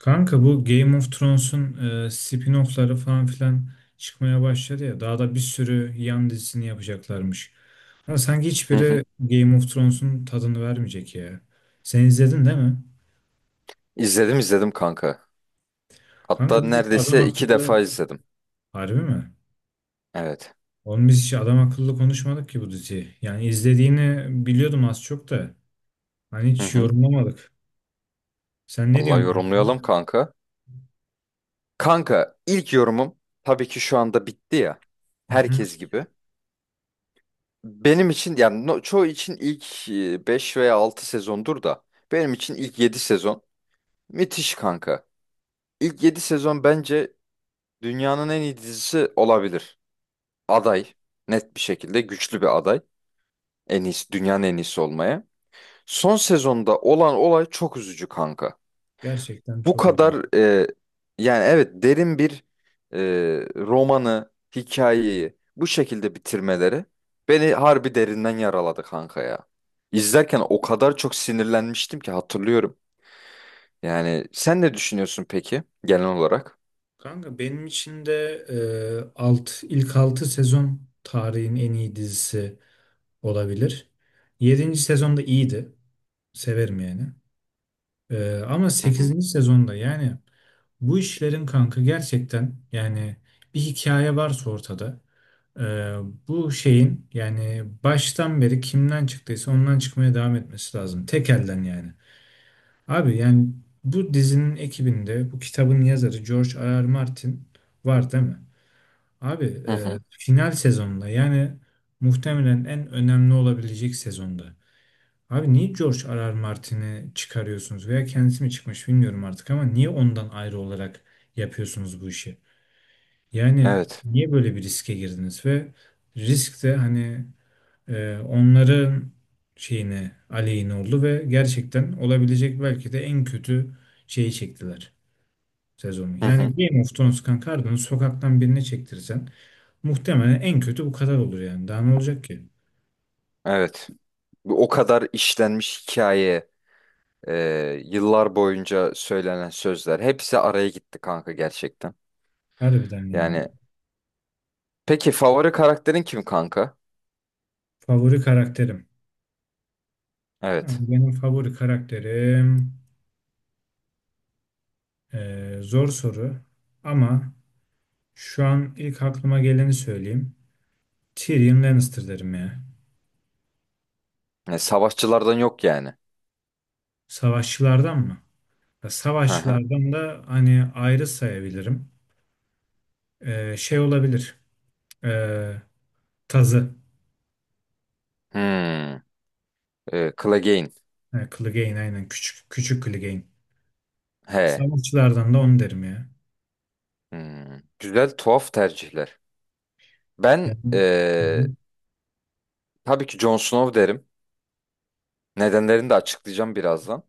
Kanka bu Game of Thrones'un spin-off'ları falan filan çıkmaya başladı ya. Daha da bir sürü yan dizisini yapacaklarmış. Ama sanki Hı hı. hiçbiri Game of Thrones'un tadını vermeyecek ya. Sen izledin değil mi? İzledim izledim kanka. Hatta Kanka biz hiç adam neredeyse iki akıllı... defa izledim. Harbi mi? Evet. Oğlum biz hiç adam akıllı konuşmadık ki bu diziyi. Yani izlediğini biliyordum az çok da. Hani Hı hiç hı. yorumlamadık. Sen ne Vallahi diyorsun kanka? yorumlayalım kanka. Kanka ilk yorumum tabii ki şu anda bitti ya. Hı hı. Herkes gibi. Benim için yani çoğu için ilk 5 veya 6 sezondur da benim için ilk 7 sezon müthiş kanka. İlk 7 sezon bence dünyanın en iyi dizisi olabilir. Aday net bir şekilde güçlü bir aday. En iyisi dünyanın en iyisi olmaya. Son sezonda olan olay çok üzücü kanka. Gerçekten Bu çok üzücü. kadar yani evet derin bir e, romanı, hikayeyi bu şekilde bitirmeleri beni harbi derinden yaraladı kanka ya. İzlerken o kadar çok sinirlenmiştim ki hatırlıyorum. Yani sen ne düşünüyorsun peki genel olarak? Kanka benim için de ilk 6 sezon tarihin en iyi dizisi olabilir. 7. sezonda iyiydi. Severim yani. Ama Hı hı. 8. sezonda yani bu işlerin kanka gerçekten yani bir hikaye varsa ortada e, bu şeyin yani baştan beri kimden çıktıysa ondan çıkmaya devam etmesi lazım. Tek elden yani. Abi yani bu dizinin ekibinde bu kitabın yazarı George R. R. Martin var değil mi? Abi Hı hı. Final sezonda yani muhtemelen en önemli olabilecek sezonda. Abi niye George R.R. Martin'i çıkarıyorsunuz veya kendisi mi çıkmış bilmiyorum artık ama niye ondan ayrı olarak yapıyorsunuz bu işi? Yani Evet. niye böyle bir riske girdiniz ve risk de hani onların şeyine aleyhine oldu ve gerçekten olabilecek belki de en kötü şeyi çektiler sezonu. Hı Yani hı. Game of Thrones kanka harbiden sokaktan birine çektirsen muhtemelen en kötü bu kadar olur yani. Daha ne olacak ki? Evet. Bu o kadar işlenmiş hikaye, e, yıllar boyunca söylenen sözler hepsi araya gitti kanka gerçekten. Harbiden yani. Yani peki favori karakterin kim kanka? Favori karakterim. Abi Evet. benim favori karakterim zor soru ama şu an ilk aklıma geleni söyleyeyim. Tyrion Lannister derim ya. Savaşçılardan yok yani. Savaşçılardan mı? Ya Hı hı. savaşçılardan da hani ayrı sayabilirim. Şey olabilir. Eee, Tazı. Hmm. Clegane. Ha, Clegane aynen. Küçük, küçük Clegane. He. Savaşçılardan da onu derim ya. Hmm. Güzel tuhaf tercihler. Ben Yani, hı hı. Tabii ki Jon Snow derim. Nedenlerini de açıklayacağım birazdan.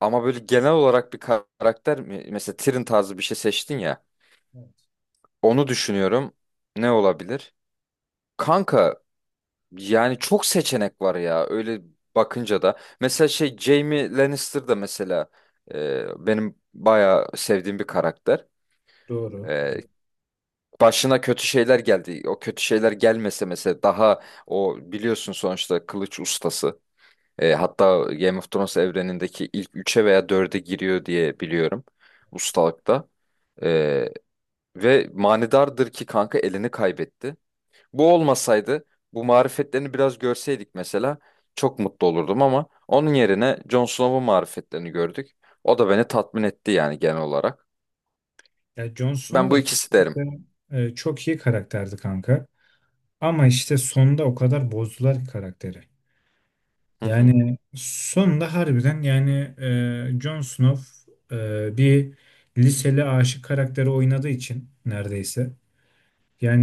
Ama böyle genel olarak mesela Tyrion tarzı bir şey seçtin ya. Evet, Onu düşünüyorum. Ne olabilir? Kanka, yani çok seçenek var ya öyle bakınca da. Mesela şey Jaime Lannister da mesela benim bayağı sevdiğim bir karakter. doğru. E, Evet. başına kötü şeyler geldi. O kötü şeyler gelmese mesela daha o biliyorsun sonuçta kılıç ustası. Hatta Game of Thrones evrenindeki ilk üçe veya 4'e giriyor diye biliyorum ustalıkta. E, ve manidardır ki kanka elini kaybetti. Bu olmasaydı, bu marifetlerini biraz görseydik mesela çok mutlu olurdum ama onun yerine Jon Snow'un marifetlerini gördük. O da beni tatmin etti yani genel olarak. Ya Jon Snow Ben bu da ikisi derim. kesinlikle çok iyi karakterdi kanka. Ama işte sonda o kadar bozdular ki karakteri. Hı hı. Yani sonda harbiden yani Jon Snow bir liseli aşık karakteri oynadığı için neredeyse.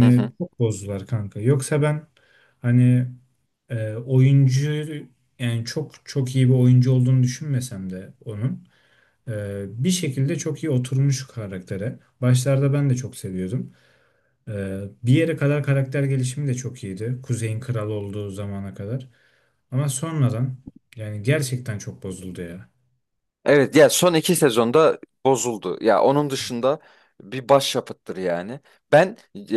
Hı hı. çok bozdular kanka. Yoksa ben hani oyuncu yani çok çok iyi bir oyuncu olduğunu düşünmesem de onun. Bir şekilde çok iyi oturmuş karaktere. Başlarda ben de çok seviyordum. Bir yere kadar karakter gelişimi de çok iyiydi. Kuzey'in kralı olduğu zamana kadar. Ama sonradan yani gerçekten çok bozuldu ya. Evet ya son iki sezonda bozuldu. Ya onun dışında bir başyapıttır yani. Ben e,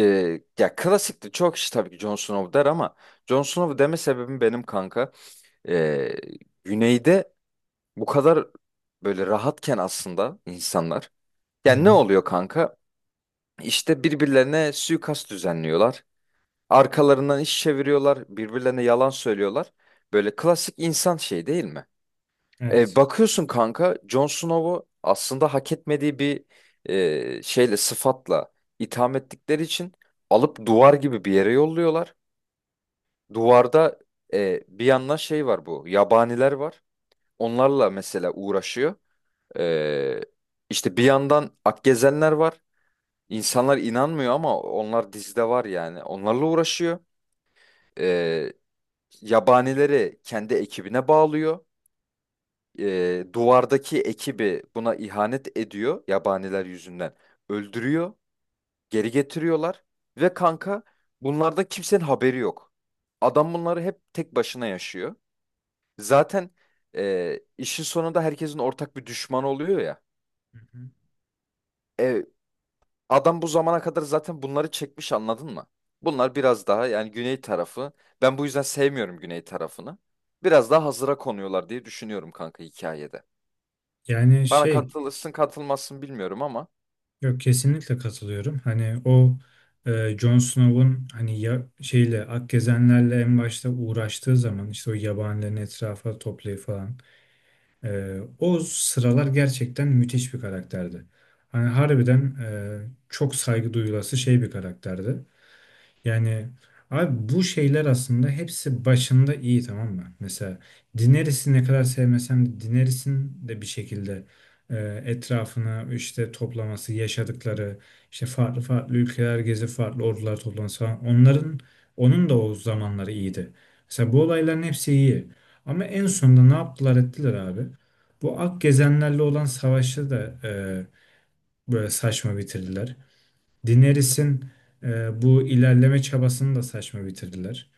ya klasikti çok kişi tabii ki Jon Snow der ama Jon Snow deme sebebim benim kanka. E, güneyde bu kadar böyle rahatken aslında insanlar. Hı Yani ne hı. oluyor kanka? İşte birbirlerine suikast düzenliyorlar. Arkalarından iş çeviriyorlar. Birbirlerine yalan söylüyorlar. Böyle klasik insan şey değil mi? E, Evet. bakıyorsun kanka Jon Snow'u aslında hak etmediği bir şeyle sıfatla itham ettikleri için alıp duvar gibi bir yere yolluyorlar. Duvarda bir yandan şey var bu yabaniler var. Onlarla mesela uğraşıyor. E, işte bir yandan Akgezenler var. İnsanlar inanmıyor ama onlar dizide var yani. Onlarla uğraşıyor. Ee, yabanileri kendi ekibine bağlıyor. Duvardaki ekibi buna ihanet ediyor. Yabaniler yüzünden öldürüyor. Geri getiriyorlar. Ve kanka bunlarda kimsenin haberi yok. Adam bunları hep tek başına yaşıyor. Zaten işin sonunda herkesin ortak bir düşmanı oluyor ya. Hı hı. E, Adam bu zamana kadar zaten bunları çekmiş anladın mı? Bunlar biraz daha yani güney tarafı. Ben bu yüzden sevmiyorum güney tarafını. Biraz daha hazıra konuyorlar diye düşünüyorum kanka hikayede. Yani Bana şey katılırsın katılmazsın bilmiyorum ama. yok, kesinlikle katılıyorum. Hani o Jon Snow'un hani ya, şeyle Akgezenlerle en başta uğraştığı zaman işte o yabanilerin etrafa toplayıp falan. O sıralar gerçekten müthiş bir karakterdi. Hani harbiden çok saygı duyulası şey bir karakterdi. Yani abi bu şeyler aslında hepsi başında iyi, tamam mı? Mesela Daenerys'i ne kadar sevmesem de Daenerys'in de bir şekilde e, etrafını işte toplaması, yaşadıkları, işte farklı farklı ülkeler gezip farklı ordular toplaması falan onların onun da o zamanları iyiydi. Mesela bu olayların hepsi iyi. Ama en sonunda ne yaptılar ettiler abi? Bu Ak Gezenlerle olan savaşı da böyle saçma bitirdiler. Daenerys'in bu ilerleme çabasını da saçma bitirdiler.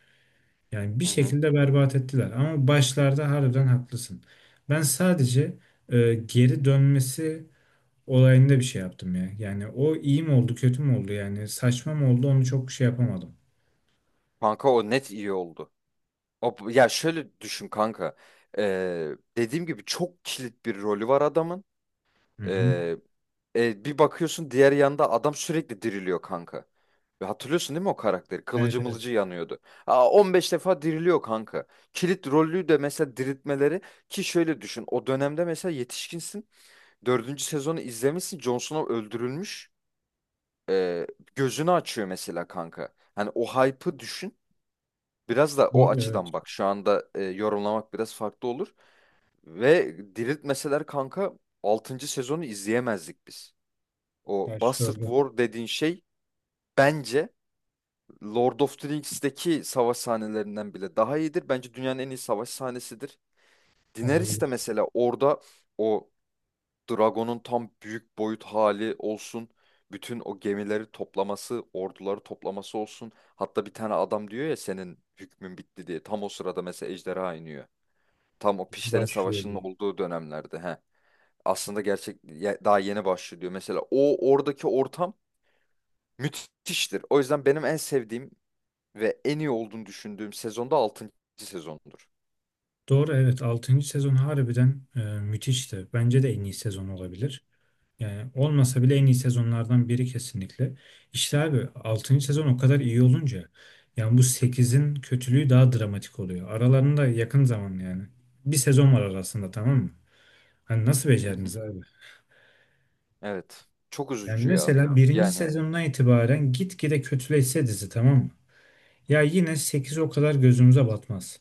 Yani bir Hı hı. şekilde berbat ettiler. Ama başlarda harbiden haklısın. Ben sadece geri dönmesi olayında bir şey yaptım ya. Yani o iyi mi oldu, kötü mü oldu? Yani saçma mı oldu? Onu çok şey yapamadım. Kanka o net iyi oldu. O, ya şöyle düşün kanka. Ee, dediğim gibi çok kilit bir rolü var adamın. Hı hı. Ee, bir bakıyorsun diğer yanda adam sürekli diriliyor kanka. Ve hatırlıyorsun değil mi o karakteri? Evet, Kılıcı evet. mılıcı yanıyordu. Aa, 15 defa diriliyor kanka. Kilit rollü de mesela diriltmeleri ki şöyle düşün. O dönemde mesela yetişkinsin. Dördüncü sezonu izlemişsin. Jon Snow öldürülmüş. Ee, gözünü açıyor mesela kanka. Hani o hype'ı düşün. Biraz da o Doğru, evet. açıdan bak. Şu anda yorumlamak biraz farklı olur. Ve diriltmeseler kanka altıncı sezonu izleyemezdik biz. O Baş Bastard doğru. War dediğin şey bence Lord of the Rings'teki savaş sahnelerinden bile daha iyidir. Bence dünyanın en iyi savaş sahnesidir. Daenerys de Olabilir. mesela orada o Dragon'un tam büyük boyut hali olsun. Bütün o gemileri toplaması, orduları toplaması olsun. Hatta bir tane adam diyor ya senin hükmün bitti diye. Tam o sırada mesela ejderha iniyor. Tam o Pişlerin Başlıyor Savaşı'nın diye. olduğu dönemlerde. He. Aslında gerçek daha yeni başlıyor. Mesela o oradaki ortam müthiştir. O yüzden benim en sevdiğim ve en iyi olduğunu düşündüğüm sezon da altıncı sezondur. Doğru, evet. Altıncı sezon harbiden müthişti. Bence de en iyi sezon olabilir. Yani olmasa bile en iyi sezonlardan biri kesinlikle. İşte abi altıncı sezon o kadar iyi olunca yani bu sekizin kötülüğü daha dramatik oluyor. Aralarında yakın zaman yani. Bir sezon var arasında, tamam mı? Hani nasıl Hı hı. becerdiniz abi? Evet. Çok Yani üzücü ya. mesela birinci Yani, sezondan itibaren gitgide kötüleşse dizi, tamam mı? Ya yine 8 o kadar gözümüze batmaz.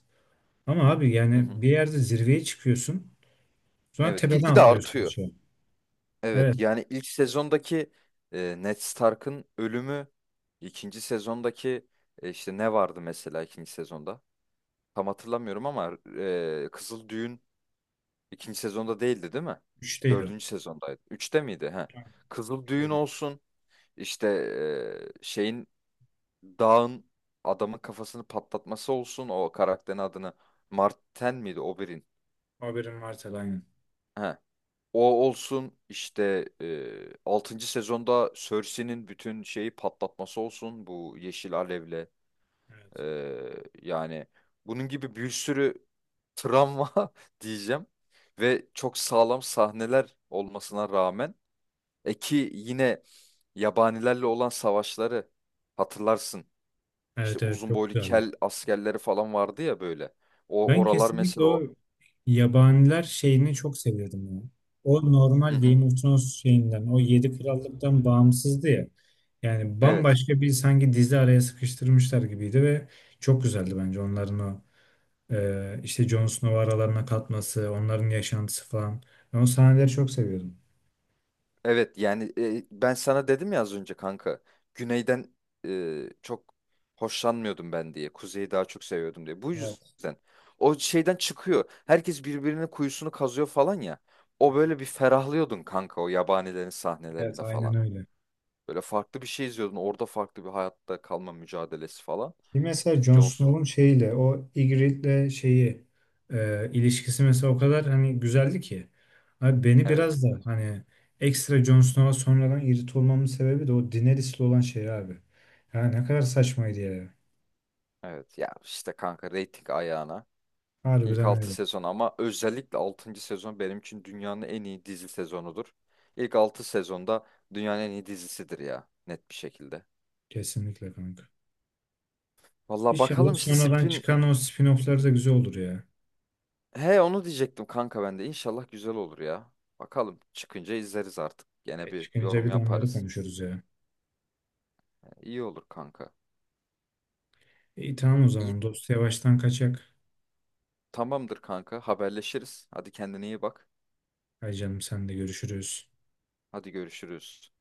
Ama abi hı hı. yani bir yerde zirveye çıkıyorsun sonra Evet, tepeden gitgide atlıyorsun artıyor. aşağı. Evet, Evet. yani ilk sezondaki Ned Stark'ın ölümü, ikinci sezondaki işte ne vardı mesela ikinci sezonda? Tam hatırlamıyorum ama Kızıl Düğün ikinci sezonda değildi, değil mi? 3'teydi o. Dördüncü sezondaydı. Üçte miydi? He. Tamam, Kızıl Düğün üçteydi. olsun. İşte şeyin Dağın adamın kafasını patlatması olsun o karakterin adını Marten miydi Oberyn? Haberin varsa aynen. He. O olsun işte 6. sezonda Cersei'nin bütün şeyi patlatması olsun bu yeşil alevle. E, Evet. yani bunun gibi bir sürü travma diyeceğim ve çok sağlam sahneler olmasına rağmen ki yine yabanilerle olan savaşları hatırlarsın. İşte Evet, evet, uzun çok boylu güzeldi. kel askerleri falan vardı ya böyle. O Ben oralar kesinlikle mesela o o. yabaniler şeyini çok seviyordum ya. O Hı normal hı. Game of Thrones şeyinden, o Yedi Krallık'tan bağımsızdı ya. Yani Evet. bambaşka bir sanki dizi araya sıkıştırmışlar gibiydi ve çok güzeldi bence onların o işte Jon Snow'u aralarına katması, onların yaşantısı falan. Ben o sahneleri çok seviyordum. Evet yani ben sana dedim ya az önce kanka. Güneyden çok hoşlanmıyordum ben diye. Kuzeyi daha çok seviyordum diye. Bu Evet, yüzden. O şeyden çıkıyor. Herkes birbirinin kuyusunu kazıyor falan ya. O böyle bir ferahlıyordun kanka o yabanilerin evet sahnelerinde aynen falan. öyle. Böyle farklı bir şey izliyordun. Orada farklı bir hayatta kalma mücadelesi falan. Ki mesela İşte Jon Johnson. Snow'un şeyiyle o Ygritte'le şeyi ilişkisi mesela o kadar hani güzeldi ki. Abi beni Evet. biraz da hani ekstra Jon Snow'a sonradan irrit olmamın sebebi de o Daenerys'le olan şey abi. Ya ne kadar saçmaydı ya. Evet ya işte kanka reyting ayağına. İlk Harbiden 6 öyle. sezon ama özellikle altıncı sezon benim için dünyanın en iyi dizi sezonudur. İlk 6 sezonda dünyanın en iyi dizisidir ya net bir şekilde. Kesinlikle kanka. Valla İnşallah bakalım işte sonradan Spin. çıkan o spin-off'lar da güzel olur ya. He. Onu diyecektim kanka ben de. İnşallah güzel olur ya. Bakalım çıkınca izleriz artık. Gene E, bir çıkınca yorum bir de onları yaparız. konuşuruz ya. İyi olur kanka. İyi, tamam o İyi zaman dost yavaştan kaçak. tamamdır kanka haberleşiriz. Hadi kendine iyi bak. Hay canım sen de, görüşürüz. Hadi görüşürüz.